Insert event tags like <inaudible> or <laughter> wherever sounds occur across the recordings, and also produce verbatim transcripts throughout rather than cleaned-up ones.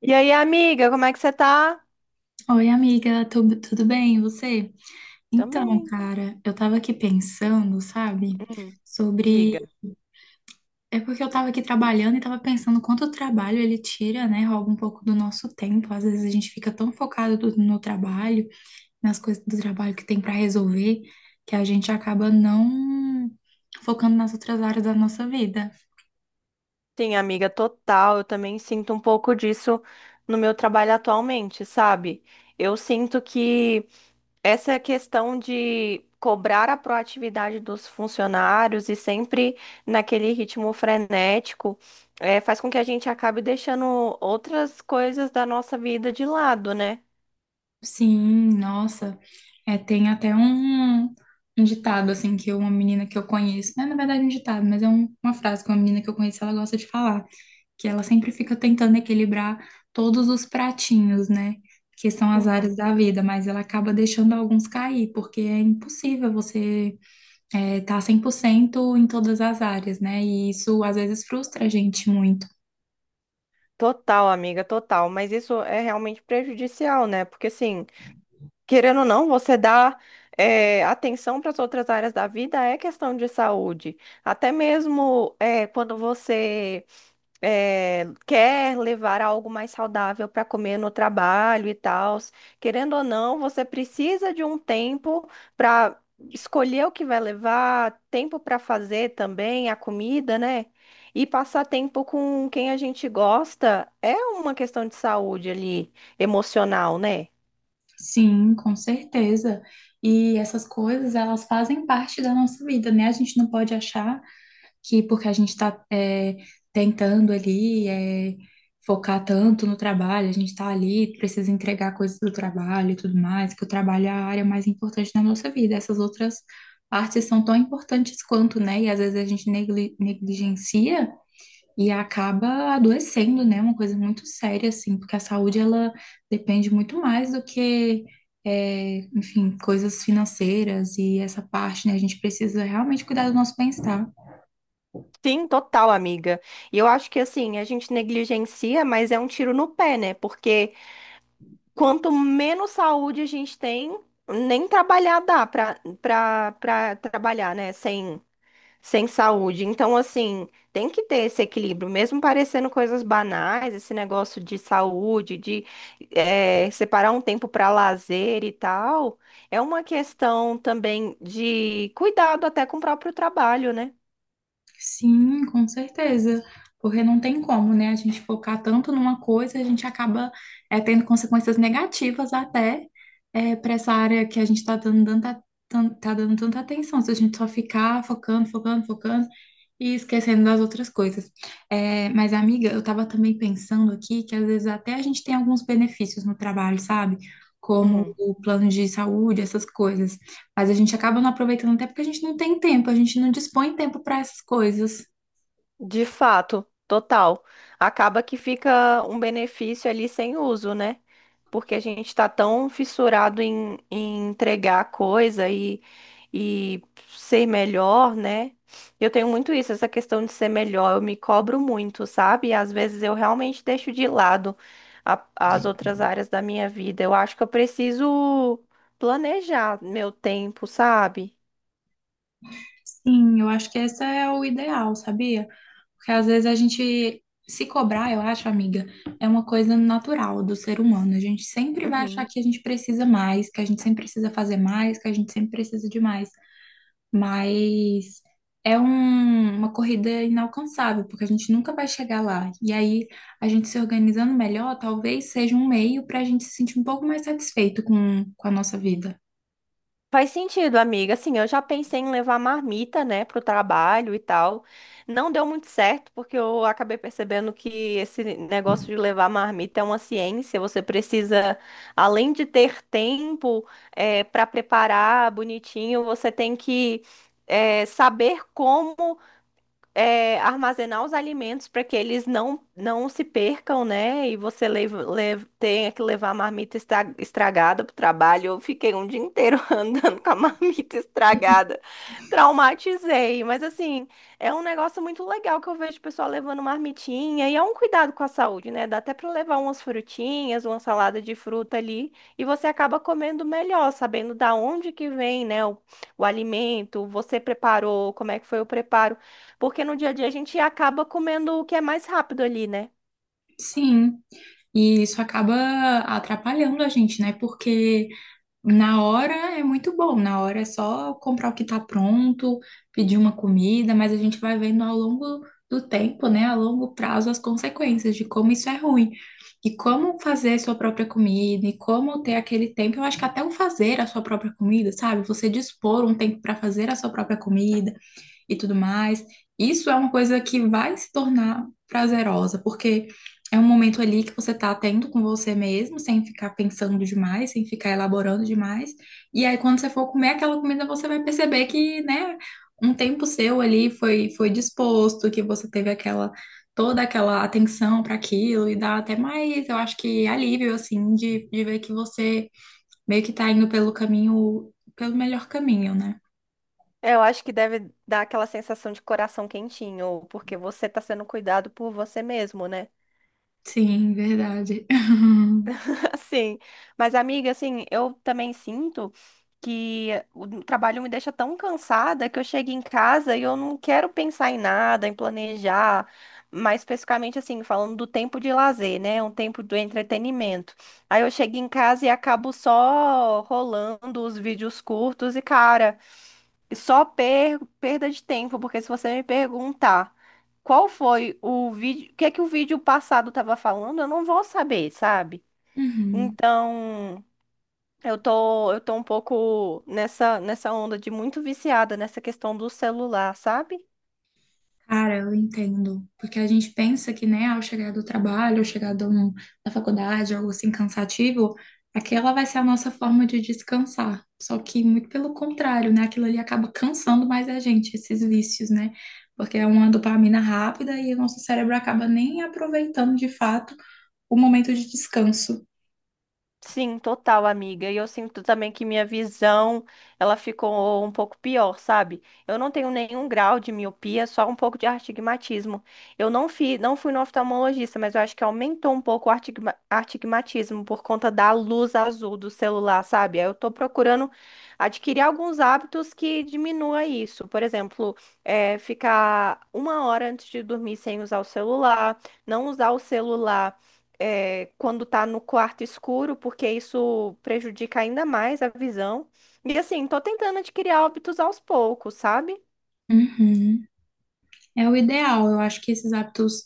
E aí, amiga, como é que você tá? Oi, amiga, tudo, tudo bem? E você? Então, Também. cara, eu tava aqui pensando, sabe, Hum, sobre. diga. É porque eu tava aqui trabalhando e tava pensando quanto o trabalho ele tira, né? Rouba um pouco do nosso tempo. Às vezes a gente fica tão focado do- no trabalho, nas coisas do trabalho que tem pra resolver, que a gente acaba não focando nas outras áreas da nossa vida. Sim, amiga, total. Eu também sinto um pouco disso no meu trabalho atualmente, sabe? Eu sinto que essa questão de cobrar a proatividade dos funcionários e sempre naquele ritmo frenético, eh, faz com que a gente acabe deixando outras coisas da nossa vida de lado, né? Sim, nossa, é, tem até um, um ditado, assim, que uma menina que eu conheço, não é, na verdade é um ditado, mas é um- uma frase que uma menina que eu conheço, ela gosta de falar, que ela sempre fica tentando equilibrar todos os pratinhos, né, que são as áreas Uhum. da vida, mas ela acaba deixando alguns cair, porque é impossível você estar tá cem por cento em todas as áreas, né, e isso às vezes frustra a gente muito. Total, amiga, total. Mas isso é realmente prejudicial, né? Porque assim, querendo ou não, você dá eh, atenção para as outras áreas da vida é questão de saúde. Até mesmo eh, quando você eh, quer levar algo mais saudável para comer no trabalho e tal, querendo ou não, você precisa de um tempo para escolher o que vai levar, tempo para fazer também a comida, né? E passar tempo com quem a gente gosta é uma questão de saúde ali, emocional, né? Sim, com certeza. E essas coisas, elas fazem parte da nossa vida, né? A gente não pode achar que porque a gente está tentando ali é, focar tanto no trabalho, a gente está ali, precisa entregar coisas do trabalho e tudo mais, que o trabalho é a área mais importante da nossa vida. Essas outras partes são tão importantes quanto, né? E às vezes a gente negli- negligencia e acaba adoecendo, né? Uma coisa muito séria, assim, porque a saúde ela depende muito mais do que, é, enfim, coisas financeiras e essa parte, né? A gente precisa realmente cuidar do nosso bem-estar. Sim, total, amiga. E eu acho que assim, a gente negligencia, mas é um tiro no pé, né? Porque quanto menos saúde a gente tem, nem trabalhar dá pra, pra, pra trabalhar, né? Sem, sem saúde. Então, assim, tem que ter esse equilíbrio, mesmo parecendo coisas banais, esse negócio de saúde, de eh, separar um tempo para lazer e tal, é uma questão também de cuidado até com o próprio trabalho, né? Sim, com certeza. Porque não tem como, né? A gente focar tanto numa coisa, a gente acaba é, tendo consequências negativas até para essa área que a gente está dando tanta, tan- tá dando tanta atenção. Se a gente só ficar focando, focando, focando e esquecendo das outras coisas. É, mas, amiga, eu estava também pensando aqui que às vezes até a gente tem alguns benefícios no trabalho, sabe? Como Hum. o plano de saúde, essas coisas. Mas a gente acaba não aproveitando até porque a gente não tem tempo, a gente não dispõe tempo para essas coisas. De fato, total. Acaba que fica um benefício ali sem uso, né? Porque a gente tá tão fissurado em, em entregar coisa e, e ser melhor, né? Eu tenho muito isso, essa questão de ser melhor. Eu me cobro muito, sabe? E às vezes eu realmente deixo de lado a- as outras áreas da minha vida. Eu acho que eu preciso planejar meu tempo, sabe? Sim, eu acho que esse é o ideal, sabia? Porque às vezes a gente se cobrar, eu acho, amiga, é uma coisa natural do ser humano. A gente sempre vai achar que a gente precisa mais, que a gente sempre precisa fazer mais, que a gente sempre precisa de mais. Mas é um- uma corrida inalcançável, porque a gente nunca vai chegar lá. E aí, a gente se organizando melhor, talvez seja um meio para a gente se sentir um pouco mais satisfeito com, com a nossa vida. Faz sentido, amiga. Assim, eu já pensei em levar marmita, né, pro trabalho e tal. Não deu muito certo, porque eu acabei percebendo que esse negócio de levar marmita é uma ciência. Você precisa, além de ter tempo, para preparar bonitinho, você tem que, eh, saber como é, armazenar os alimentos para que eles não, não se percam, né? E você leva, lev- tenha que levar a marmita estra- estragada para o trabalho. Eu fiquei um dia inteiro <laughs> andando com a marmita estragada. Traumatizei. Mas, assim, é um negócio muito legal que eu vejo o pessoal levando marmitinha. E é um cuidado com a saúde, né? Dá até para levar umas frutinhas, uma salada de fruta ali. E você acaba comendo melhor, sabendo da onde que vem, né? O, o alimento, você preparou, como é que foi o preparo. Porque no dia a dia a gente acaba comendo o que é mais rápido ali, né? Sim, e isso acaba atrapalhando a gente, né? Porque. Na hora é muito bom, na hora é só comprar o que está pronto, pedir uma comida, mas a gente vai vendo ao longo do tempo, né, a longo prazo, as consequências de como isso é ruim. E como fazer sua própria comida, e como ter aquele tempo, eu acho que até o fazer a sua própria comida, sabe? Você dispor um tempo para fazer a sua própria comida, e tudo mais. Isso é uma coisa que vai se tornar prazerosa, porque é um momento ali que você tá tendo com você mesmo, sem ficar pensando demais, sem ficar elaborando demais. E aí, quando você for comer aquela comida, você vai perceber que, né, um tempo seu ali foi, foi disposto, que você teve aquela. Toda aquela atenção para aquilo e dá até mais, eu acho que alívio, assim, de, de ver que você meio que tá indo pelo caminho, pelo melhor caminho, né? É, eu acho que deve dar aquela sensação de coração quentinho, porque você tá sendo cuidado por você mesmo, né? Sim, verdade. <laughs> <laughs> Assim, mas, amiga, assim, eu também sinto que o trabalho me deixa tão cansada que eu chego em casa e eu não quero pensar em nada, em planejar. Mais especificamente, assim, falando do tempo de lazer, né? Um tempo do entretenimento. Aí eu chego em casa e acabo só rolando os vídeos curtos e, cara, só per- perda de tempo, porque se você me perguntar qual foi o vídeo, o que é que o vídeo passado estava falando, eu não vou saber, sabe? Uhum. Então, eu tô, eu tô um pouco nessa, nessa onda de muito viciada nessa questão do celular, sabe? Cara, eu entendo. Porque a gente pensa que, né, ao chegar do trabalho, ao chegar do, da faculdade, algo assim cansativo, aquela vai ser a nossa forma de descansar. Só que, muito pelo contrário, né, aquilo ali acaba cansando mais a gente, esses vícios, né? Porque é uma dopamina rápida e o nosso cérebro acaba nem aproveitando de fato o momento de descanso. Sim, total, amiga. E eu sinto também que minha visão, ela ficou um pouco pior, sabe? Eu não tenho nenhum grau de miopia, só um pouco de astigmatismo. Eu não fi, não fui no oftalmologista, mas eu acho que aumentou um pouco o artigma- astigmatismo por conta da luz azul do celular, sabe? Aí eu tô procurando adquirir alguns hábitos que diminua isso. Por exemplo, é, ficar uma hora antes de dormir sem usar o celular, não usar o celular é, quando tá no quarto escuro, porque isso prejudica ainda mais a visão. E assim, tô tentando adquirir hábitos aos poucos, sabe? Uhum. É o ideal. Eu acho que esses hábitos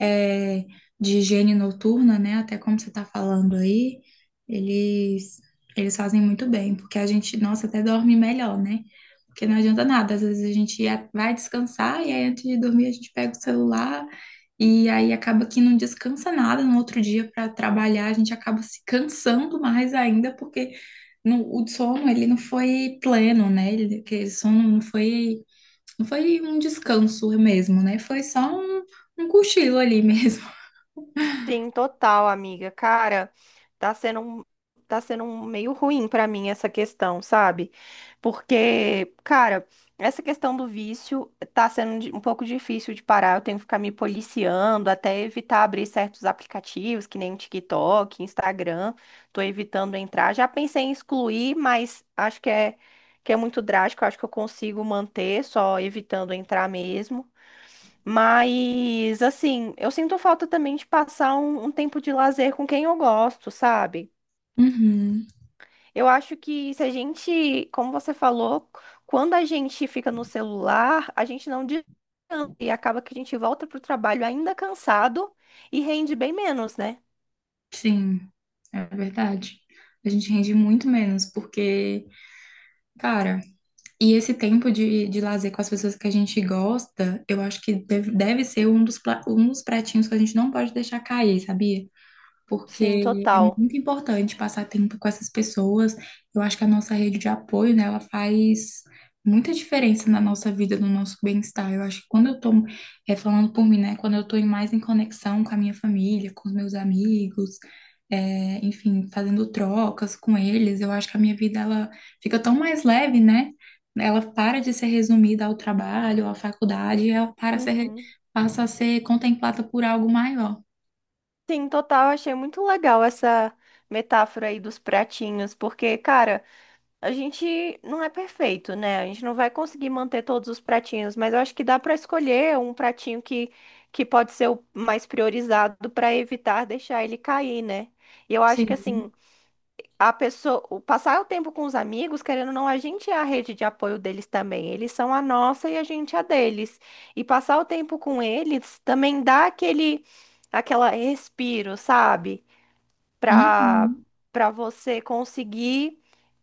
é, de higiene noturna, né, até como você está falando aí, eles eles fazem muito bem, porque a gente, nossa, até dorme melhor, né? Porque não adianta nada. Às vezes a gente ia- vai descansar e aí antes de dormir a gente pega o celular e aí acaba que não descansa nada no outro dia para trabalhar. A gente acaba se cansando mais ainda porque no- o sono ele não foi pleno, né? Ele, aquele sono não foi não foi um descanso mesmo, né? Foi só um, um cochilo ali mesmo. <laughs> Sim, total, amiga. Cara, tá sendo um, tá sendo um meio ruim pra mim essa questão, sabe? Porque, cara, essa questão do vício tá sendo di- um pouco difícil de parar. Eu tenho que ficar me policiando, até evitar abrir certos aplicativos, que nem TikTok, Instagram. Tô evitando entrar. Já pensei em excluir, mas acho que é que é muito drástico. Acho que eu consigo manter só evitando entrar mesmo. Mas, assim, eu sinto falta também de passar um, um tempo de lazer com quem eu gosto, sabe? Uhum, Eu acho que se a gente, como você falou, quando a gente fica no celular, a gente não descansa e acaba que a gente volta pro trabalho ainda cansado e rende bem menos, né? sim, é verdade. A gente rende muito menos, porque, cara, e esse tempo de, de lazer com as pessoas que a gente gosta, eu acho que deve, deve ser um dos, pla- um dos pratinhos que a gente não pode deixar cair, sabia? Sim, Porque é total. muito importante passar tempo com essas pessoas. Eu acho que a nossa rede de apoio, né, ela faz muita diferença na nossa vida, no nosso bem-estar. Eu acho que quando eu tô, é, falando por mim, né, quando eu tô em- mais em conexão com a minha família, com os meus amigos, é, enfim, fazendo trocas com eles, eu acho que a minha vida, ela fica tão mais leve, né? Ela para de ser resumida ao trabalho, à faculdade, ela para a ser, Uhum. passa a ser contemplada por algo maior. Sim, total. Achei muito legal essa metáfora aí dos pratinhos, porque, cara, a gente não é perfeito, né? A gente não vai conseguir manter todos os pratinhos, mas eu acho que dá para escolher um pratinho que, que pode ser o mais priorizado para evitar deixar ele cair, né? E eu acho que Sim. assim, a pessoa, o- passar o tempo com os amigos, querendo ou não, a gente é a rede de apoio deles também. Eles são a nossa e a gente é a deles. E passar o tempo com eles também dá aquele aquela respiro, sabe? para Uhum. para você conseguir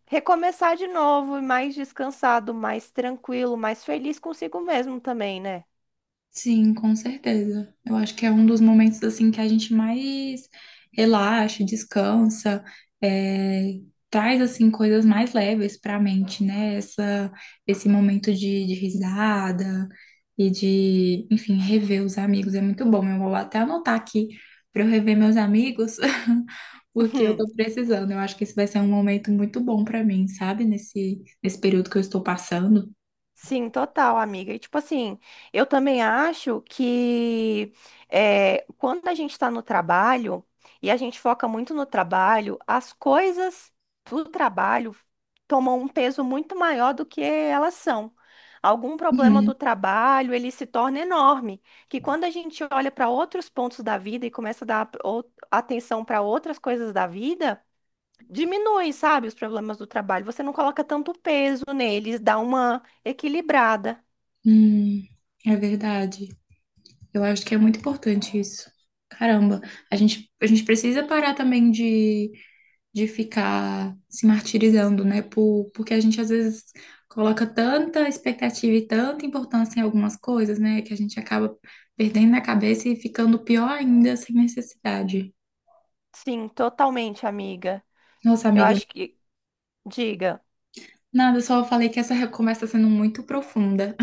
recomeçar de novo, mais descansado, mais tranquilo, mais feliz consigo mesmo também, né? Sim, com certeza. Eu acho que é um dos momentos assim que a gente mais relaxa, descansa, é, traz assim coisas mais leves para a mente, né? Essa, esse momento de, de risada e de, enfim, rever os amigos é muito bom. Eu vou até anotar aqui para eu rever meus amigos, <laughs> porque eu tô <laughs> precisando. Eu acho que esse vai ser um momento muito bom para mim, sabe? Nesse, nesse período que eu estou passando. Sim, total, amiga. E tipo assim, eu também acho que é, quando a gente está no trabalho e a gente foca muito no trabalho, as coisas do trabalho tomam um peso muito maior do que elas são. Algum problema Uhum. do trabalho, ele se torna enorme, que quando a gente olha para outros pontos da vida e começa a dar ou- atenção para outras coisas da vida, diminui, sabe, os problemas do trabalho. Você não coloca tanto peso neles, dá uma equilibrada. Hum, é verdade. Eu acho que é muito importante isso. Caramba, a gente, a gente precisa parar também de, de ficar se martirizando, né? Por, porque a gente às vezes coloca tanta expectativa e tanta importância em algumas coisas, né? Que a gente acaba perdendo a cabeça e ficando pior ainda sem necessidade. Sim, totalmente, amiga. Nossa, Eu amiga, acho que, diga, nada, só falei que essa conversa está sendo muito profunda.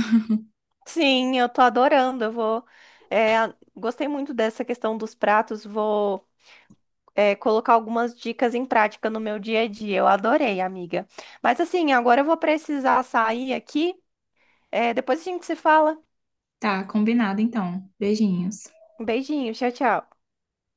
sim, eu tô adorando. Eu vou, é, gostei muito dessa questão dos pratos. Vou, é, colocar algumas dicas em prática no meu dia a dia. Eu adorei, amiga. Mas assim, agora eu vou precisar sair aqui. É, depois a gente se fala. Tá, combinado então. Beijinhos. Um beijinho, tchau, tchau.